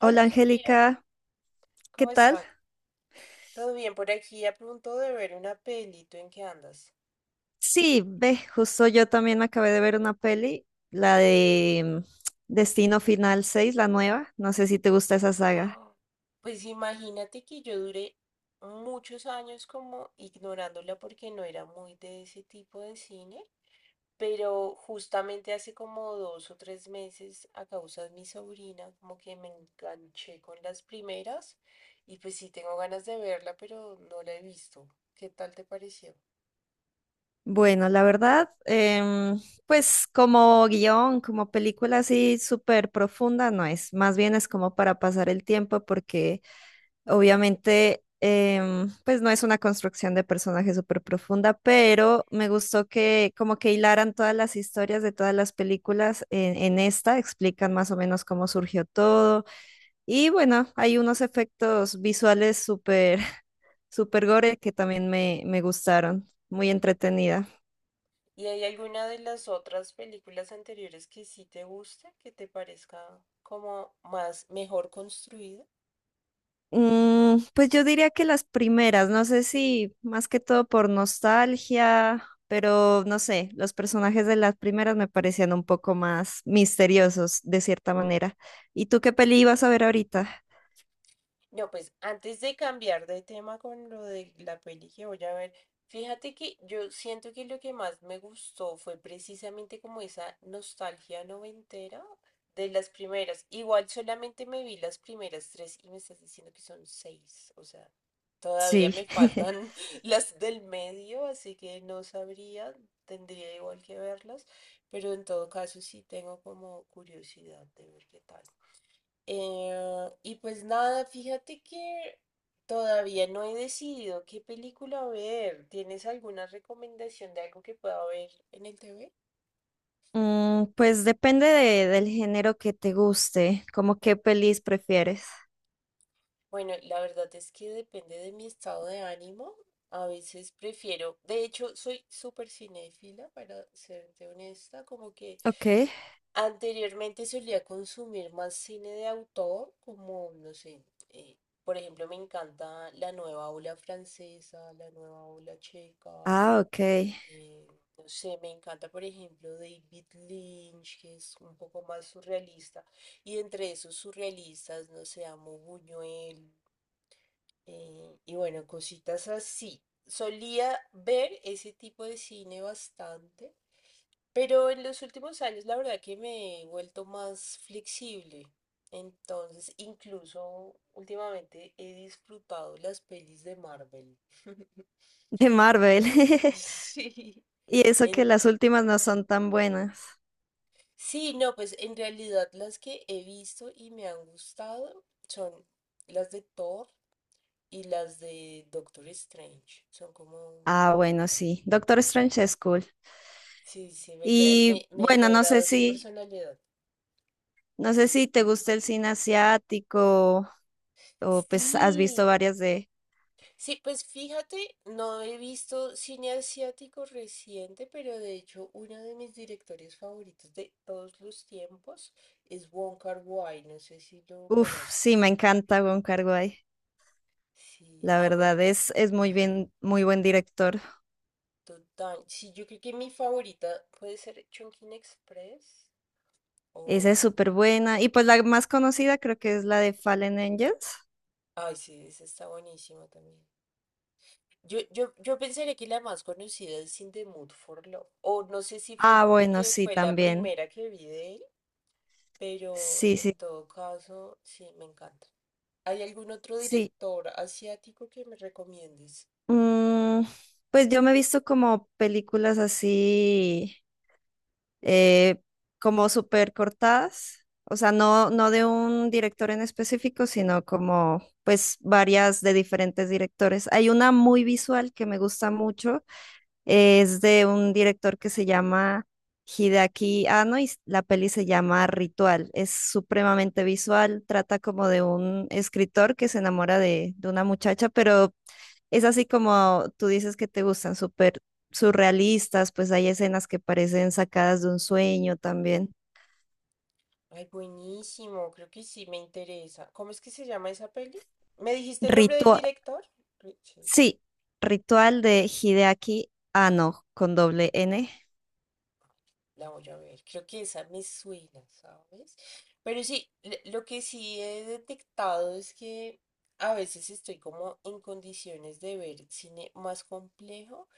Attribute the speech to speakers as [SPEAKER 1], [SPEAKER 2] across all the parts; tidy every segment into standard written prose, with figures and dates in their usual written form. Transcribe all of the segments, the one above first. [SPEAKER 1] Hola
[SPEAKER 2] Hola
[SPEAKER 1] Sofía,
[SPEAKER 2] Angélica, ¿qué
[SPEAKER 1] ¿cómo
[SPEAKER 2] tal?
[SPEAKER 1] estás? ¿Todo bien por aquí? A punto de ver una peli, ¿tú en qué andas?
[SPEAKER 2] Sí, ve, justo yo también acabé de ver una peli, la de Destino Final 6, la nueva. No sé si te gusta esa saga.
[SPEAKER 1] Ah, pues imagínate que yo duré muchos años como ignorándola porque no era muy de ese tipo de cine, pero justamente hace como dos o tres meses a causa de mi sobrina como que me enganché con las primeras y pues sí tengo ganas de verla, pero no la he visto. ¿Qué tal te pareció?
[SPEAKER 2] Bueno, la verdad, pues como guión, como película así súper profunda no es, más bien es como para pasar el tiempo porque obviamente pues no es una construcción de personaje súper profunda, pero me gustó que como que hilaran todas las historias de todas las películas en esta, explican más o menos cómo surgió todo y bueno, hay unos efectos visuales súper, súper gore que también me gustaron, muy entretenida.
[SPEAKER 1] ¿Y hay alguna de las otras películas anteriores que sí te gusta que te parezca como más mejor construida?
[SPEAKER 2] Mm, pues yo diría que las primeras, no sé si más que todo por nostalgia, pero no sé, los personajes de las primeras me parecían un poco más misteriosos de cierta manera. ¿Y tú qué peli ibas a ver ahorita?
[SPEAKER 1] No, pues antes de cambiar de tema con lo de la peli que voy a ver, fíjate que yo siento que lo que más me gustó fue precisamente como esa nostalgia noventera de las primeras. Igual solamente me vi las primeras tres y me estás diciendo que son seis, o sea, todavía
[SPEAKER 2] Sí.
[SPEAKER 1] me faltan las del medio, así que no sabría, tendría igual que verlas, pero en todo caso sí tengo como curiosidad de ver qué tal. Y pues nada, fíjate que todavía no he decidido qué película ver. ¿Tienes alguna recomendación de algo que pueda ver en el TV?
[SPEAKER 2] Mm, pues del género que te guste, como qué pelis prefieres.
[SPEAKER 1] Bueno, la verdad es que depende de mi estado de ánimo. A veces prefiero, de hecho, soy súper cinéfila, para serte honesta, como que
[SPEAKER 2] Ok.
[SPEAKER 1] anteriormente solía consumir más cine de autor, como, no sé, eh, por ejemplo, me encanta la nueva ola francesa, la nueva ola checa.
[SPEAKER 2] Ah, ok.
[SPEAKER 1] Eh, no sé, me encanta, por ejemplo, David Lynch, que es un poco más surrealista. Y entre esos surrealistas, no sé, amo Buñuel. Y bueno, cositas así. Solía ver ese tipo de cine bastante, pero en los últimos años la verdad que me he vuelto más flexible. Entonces, incluso últimamente he disfrutado las pelis de Marvel.
[SPEAKER 2] De Marvel.
[SPEAKER 1] Entonces, sí.
[SPEAKER 2] Y eso que las últimas no son tan buenas.
[SPEAKER 1] Sí, no, pues en realidad las que he visto y me han gustado son las de Thor y las de Doctor Strange. Son como,
[SPEAKER 2] Ah, bueno, sí. Doctor Strange es cool.
[SPEAKER 1] sí, sí, me, ca-
[SPEAKER 2] Y
[SPEAKER 1] me
[SPEAKER 2] bueno,
[SPEAKER 1] agrada su personalidad.
[SPEAKER 2] no sé si te gusta el cine asiático o pues has visto
[SPEAKER 1] Sí,
[SPEAKER 2] varias de...
[SPEAKER 1] sí, pues fíjate, no he visto cine asiático reciente, pero de hecho uno de mis directores favoritos de todos los tiempos es Wong Kar-wai, no sé si lo
[SPEAKER 2] Uf, sí,
[SPEAKER 1] conoces.
[SPEAKER 2] me encanta Wong Kar-wai.
[SPEAKER 1] Sí,
[SPEAKER 2] La
[SPEAKER 1] amo.
[SPEAKER 2] verdad es muy bien, muy buen director.
[SPEAKER 1] Total. Sí, yo creo que mi favorita puede ser Chungking Express
[SPEAKER 2] Esa
[SPEAKER 1] o...
[SPEAKER 2] es súper buena. Y pues la más conocida creo que es la de Fallen Angels.
[SPEAKER 1] Ay, sí, esa está buenísima también. Yo pensaría que la más conocida es In the Mood for Love. O no sé si fue
[SPEAKER 2] Ah, bueno,
[SPEAKER 1] porque
[SPEAKER 2] sí,
[SPEAKER 1] fue la
[SPEAKER 2] también.
[SPEAKER 1] primera que vi de él, pero
[SPEAKER 2] Sí, sí,
[SPEAKER 1] en todo caso, sí, me encanta. ¿Hay algún otro
[SPEAKER 2] sí.
[SPEAKER 1] director asiático que me recomiendes?
[SPEAKER 2] Mm, pues yo me he visto como películas así. eh, Como súper cortadas, o sea, no de un director en específico, sino como pues varias de diferentes directores. Hay una muy visual que me gusta mucho, es de un director que se llama Hideaki Anno y la peli se llama Ritual. Es supremamente visual, trata como de un escritor que se enamora de una muchacha, pero es así como tú dices que te gustan súper surrealistas, pues hay escenas que parecen sacadas de un sueño también.
[SPEAKER 1] Ay, buenísimo, creo que sí me interesa. ¿Cómo es que se llama esa peli? ¿Me dijiste el nombre del
[SPEAKER 2] Ritual,
[SPEAKER 1] director? Sí.
[SPEAKER 2] sí, ritual de Hideaki Anno con doble N.
[SPEAKER 1] La voy a ver, creo que esa me suena, ¿sabes? Pero sí, lo que sí he detectado es que a veces estoy como en condiciones de ver cine más complejo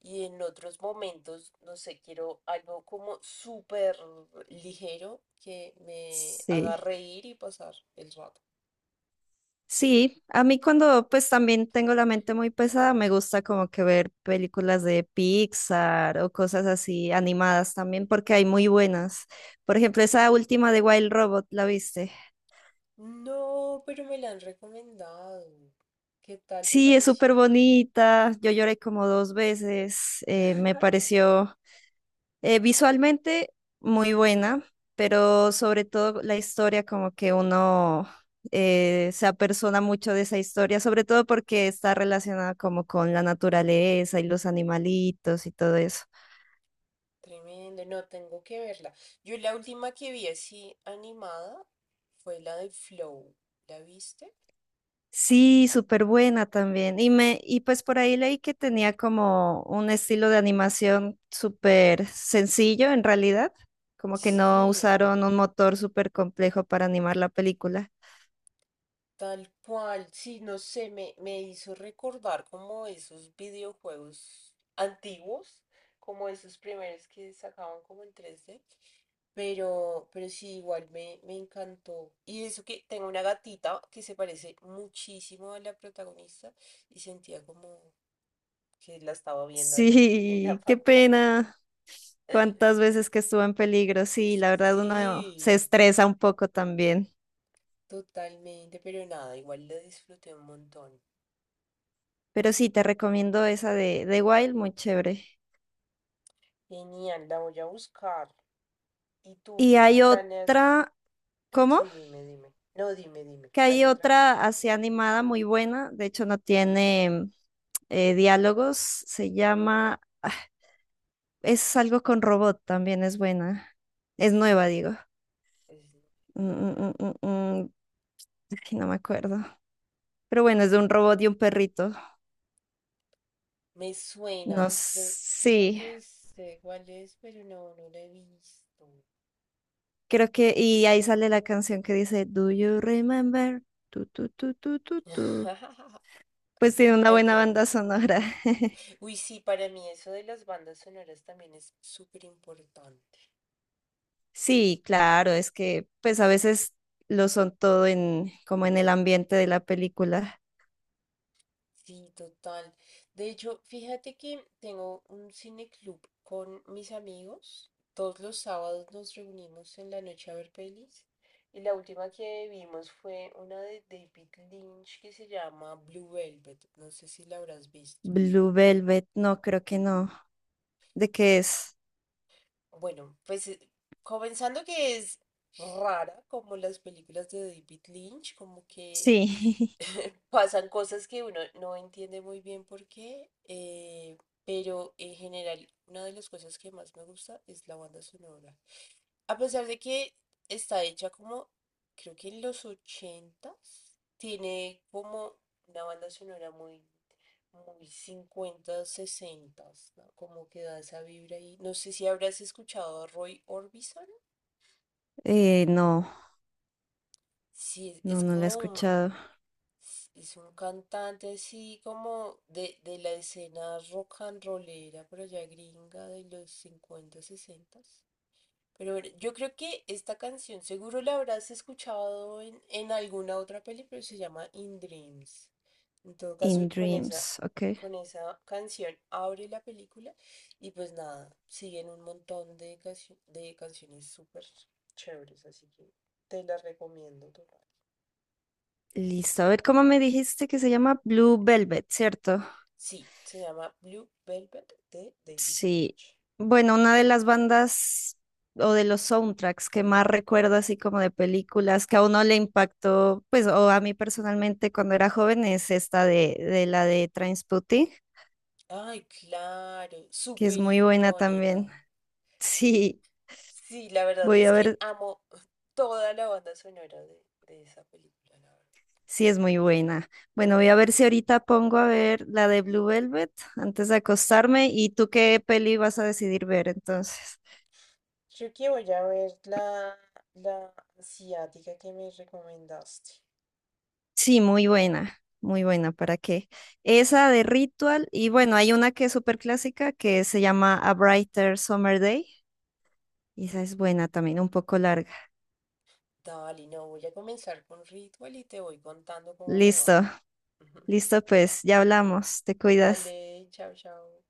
[SPEAKER 1] y en otros momentos, no sé, quiero algo como súper ligero que me haga
[SPEAKER 2] Sí.
[SPEAKER 1] reír y pasar el rato.
[SPEAKER 2] Sí, a mí cuando pues también tengo la mente muy pesada, me gusta como que ver películas de Pixar o cosas así animadas también, porque hay muy buenas. Por ejemplo, esa última de Wild Robot, ¿la viste?
[SPEAKER 1] No, pero me la han recomendado. ¿Qué tal te
[SPEAKER 2] Sí, es
[SPEAKER 1] pareció?
[SPEAKER 2] súper bonita. Yo lloré como 2 veces. Me pareció visualmente muy buena, pero sobre todo la historia, como que uno se apersona mucho de esa historia, sobre todo porque está relacionada como con la naturaleza y los animalitos y todo eso.
[SPEAKER 1] Tremendo, no tengo que verla. Yo la última que vi así animada fue la de Flow. ¿La viste?
[SPEAKER 2] Sí, súper buena también. Y pues por ahí leí que tenía como un estilo de animación súper sencillo en realidad, como que no
[SPEAKER 1] Sí,
[SPEAKER 2] usaron un motor súper complejo para animar la película.
[SPEAKER 1] tal cual. Sí, no sé, me hizo recordar como esos videojuegos antiguos, como esos primeros que sacaban como en 3D. Pero sí, igual me encantó. Y eso que tengo una gatita que se parece muchísimo a la protagonista y sentía como que la estaba viendo ahí en la
[SPEAKER 2] Sí, qué
[SPEAKER 1] pantalla.
[SPEAKER 2] pena. Cuántas veces que estuvo en peligro. Sí, la verdad uno se
[SPEAKER 1] Sí,
[SPEAKER 2] estresa un poco también.
[SPEAKER 1] totalmente, pero nada, igual lo disfruté un montón.
[SPEAKER 2] Pero sí, te recomiendo esa de Wild, muy chévere.
[SPEAKER 1] Genial, la voy a buscar. ¿Y tú
[SPEAKER 2] Y hay
[SPEAKER 1] planeas?
[SPEAKER 2] otra, ¿cómo?
[SPEAKER 1] Sí, dime, dime. No, dime, dime.
[SPEAKER 2] Que hay
[SPEAKER 1] Hay otra.
[SPEAKER 2] otra así animada muy buena, de hecho no tiene diálogos, es algo con robot también, es buena, es nueva, digo.
[SPEAKER 1] Es-
[SPEAKER 2] Mm, mm, mm, mm, mm, ay, no me acuerdo. Pero bueno, es de un robot y un perrito.
[SPEAKER 1] Me
[SPEAKER 2] No,
[SPEAKER 1] suena,
[SPEAKER 2] s-
[SPEAKER 1] creo,
[SPEAKER 2] sí,
[SPEAKER 1] que sé cuál es, pero no, no la he visto.
[SPEAKER 2] creo que, y ahí sale la canción que dice, "Do you remember? Tu, tu, tu, tu, tu, tu". Pues tiene una
[SPEAKER 1] Hay
[SPEAKER 2] buena
[SPEAKER 1] que
[SPEAKER 2] banda
[SPEAKER 1] verla.
[SPEAKER 2] sonora.
[SPEAKER 1] Uy, sí, para mí eso de las bandas sonoras también es súper importante.
[SPEAKER 2] Sí, claro, es que pues a veces lo son todo en como en el ambiente de la película.
[SPEAKER 1] Sí, total. De hecho, fíjate que tengo un cine club con mis amigos. Todos los sábados nos reunimos en la noche a ver pelis. Y la última que vimos fue una de David Lynch que se llama Blue Velvet. No sé si la habrás visto.
[SPEAKER 2] Blue Velvet, no, creo que no. ¿De qué es?
[SPEAKER 1] Bueno, pues comenzando que es rara como las películas de David Lynch, como que
[SPEAKER 2] Sí.
[SPEAKER 1] pasan cosas que uno no entiende muy bien por qué, pero en general una de las cosas que más me gusta es la banda sonora. A pesar de que está hecha como, creo que en los ochentas, tiene como una banda sonora muy, muy cincuentas, sesentas, ¿no? Como que da esa vibra ahí. No sé si habrás escuchado a Roy Orbison.
[SPEAKER 2] No,
[SPEAKER 1] Sí, es es
[SPEAKER 2] no la he
[SPEAKER 1] como un,
[SPEAKER 2] escuchado.
[SPEAKER 1] Es un cantante así como de la escena rock and rollera por allá gringa de los 50 60. Pero bueno, yo creo que esta canción seguro la habrás escuchado en alguna otra peli, pero se llama In Dreams. En todo caso,
[SPEAKER 2] In
[SPEAKER 1] con esa,
[SPEAKER 2] Dreams, ok.
[SPEAKER 1] con esa canción abre la película y pues nada, siguen un montón de canciones súper chéveres, así que te las recomiendo total.
[SPEAKER 2] Listo, a ver cómo me dijiste que se llama Blue Velvet, ¿cierto?
[SPEAKER 1] Sí, se llama Blue Velvet de David
[SPEAKER 2] Sí,
[SPEAKER 1] Lynch.
[SPEAKER 2] bueno, una de las bandas o de los soundtracks que más recuerdo así como de películas que a uno le impactó, pues, o a mí personalmente cuando era joven es esta de la de Trainspotting,
[SPEAKER 1] Ay, claro,
[SPEAKER 2] que es
[SPEAKER 1] súper
[SPEAKER 2] muy buena
[SPEAKER 1] icónica.
[SPEAKER 2] también.
[SPEAKER 1] Sí.
[SPEAKER 2] Sí,
[SPEAKER 1] Sí, la verdad
[SPEAKER 2] voy a
[SPEAKER 1] es que
[SPEAKER 2] ver,
[SPEAKER 1] amo toda la banda sonora de esa película, la verdad.
[SPEAKER 2] sí es muy buena. Bueno, voy a ver si ahorita pongo a ver la de Blue Velvet antes de acostarme y tú qué peli vas a decidir ver entonces.
[SPEAKER 1] Creo que voy a ver la, la, asiática que me recomendaste.
[SPEAKER 2] Sí, muy buena, ¿para qué? Esa de Ritual, y bueno, hay una que es súper clásica que se llama A Brighter Summer Day, y esa es buena también, un poco larga.
[SPEAKER 1] Dale, no, voy a comenzar con Ritual y te voy contando cómo me va.
[SPEAKER 2] Listo, listo, pues ya hablamos, te cuidas.
[SPEAKER 1] Dale, chao, chao.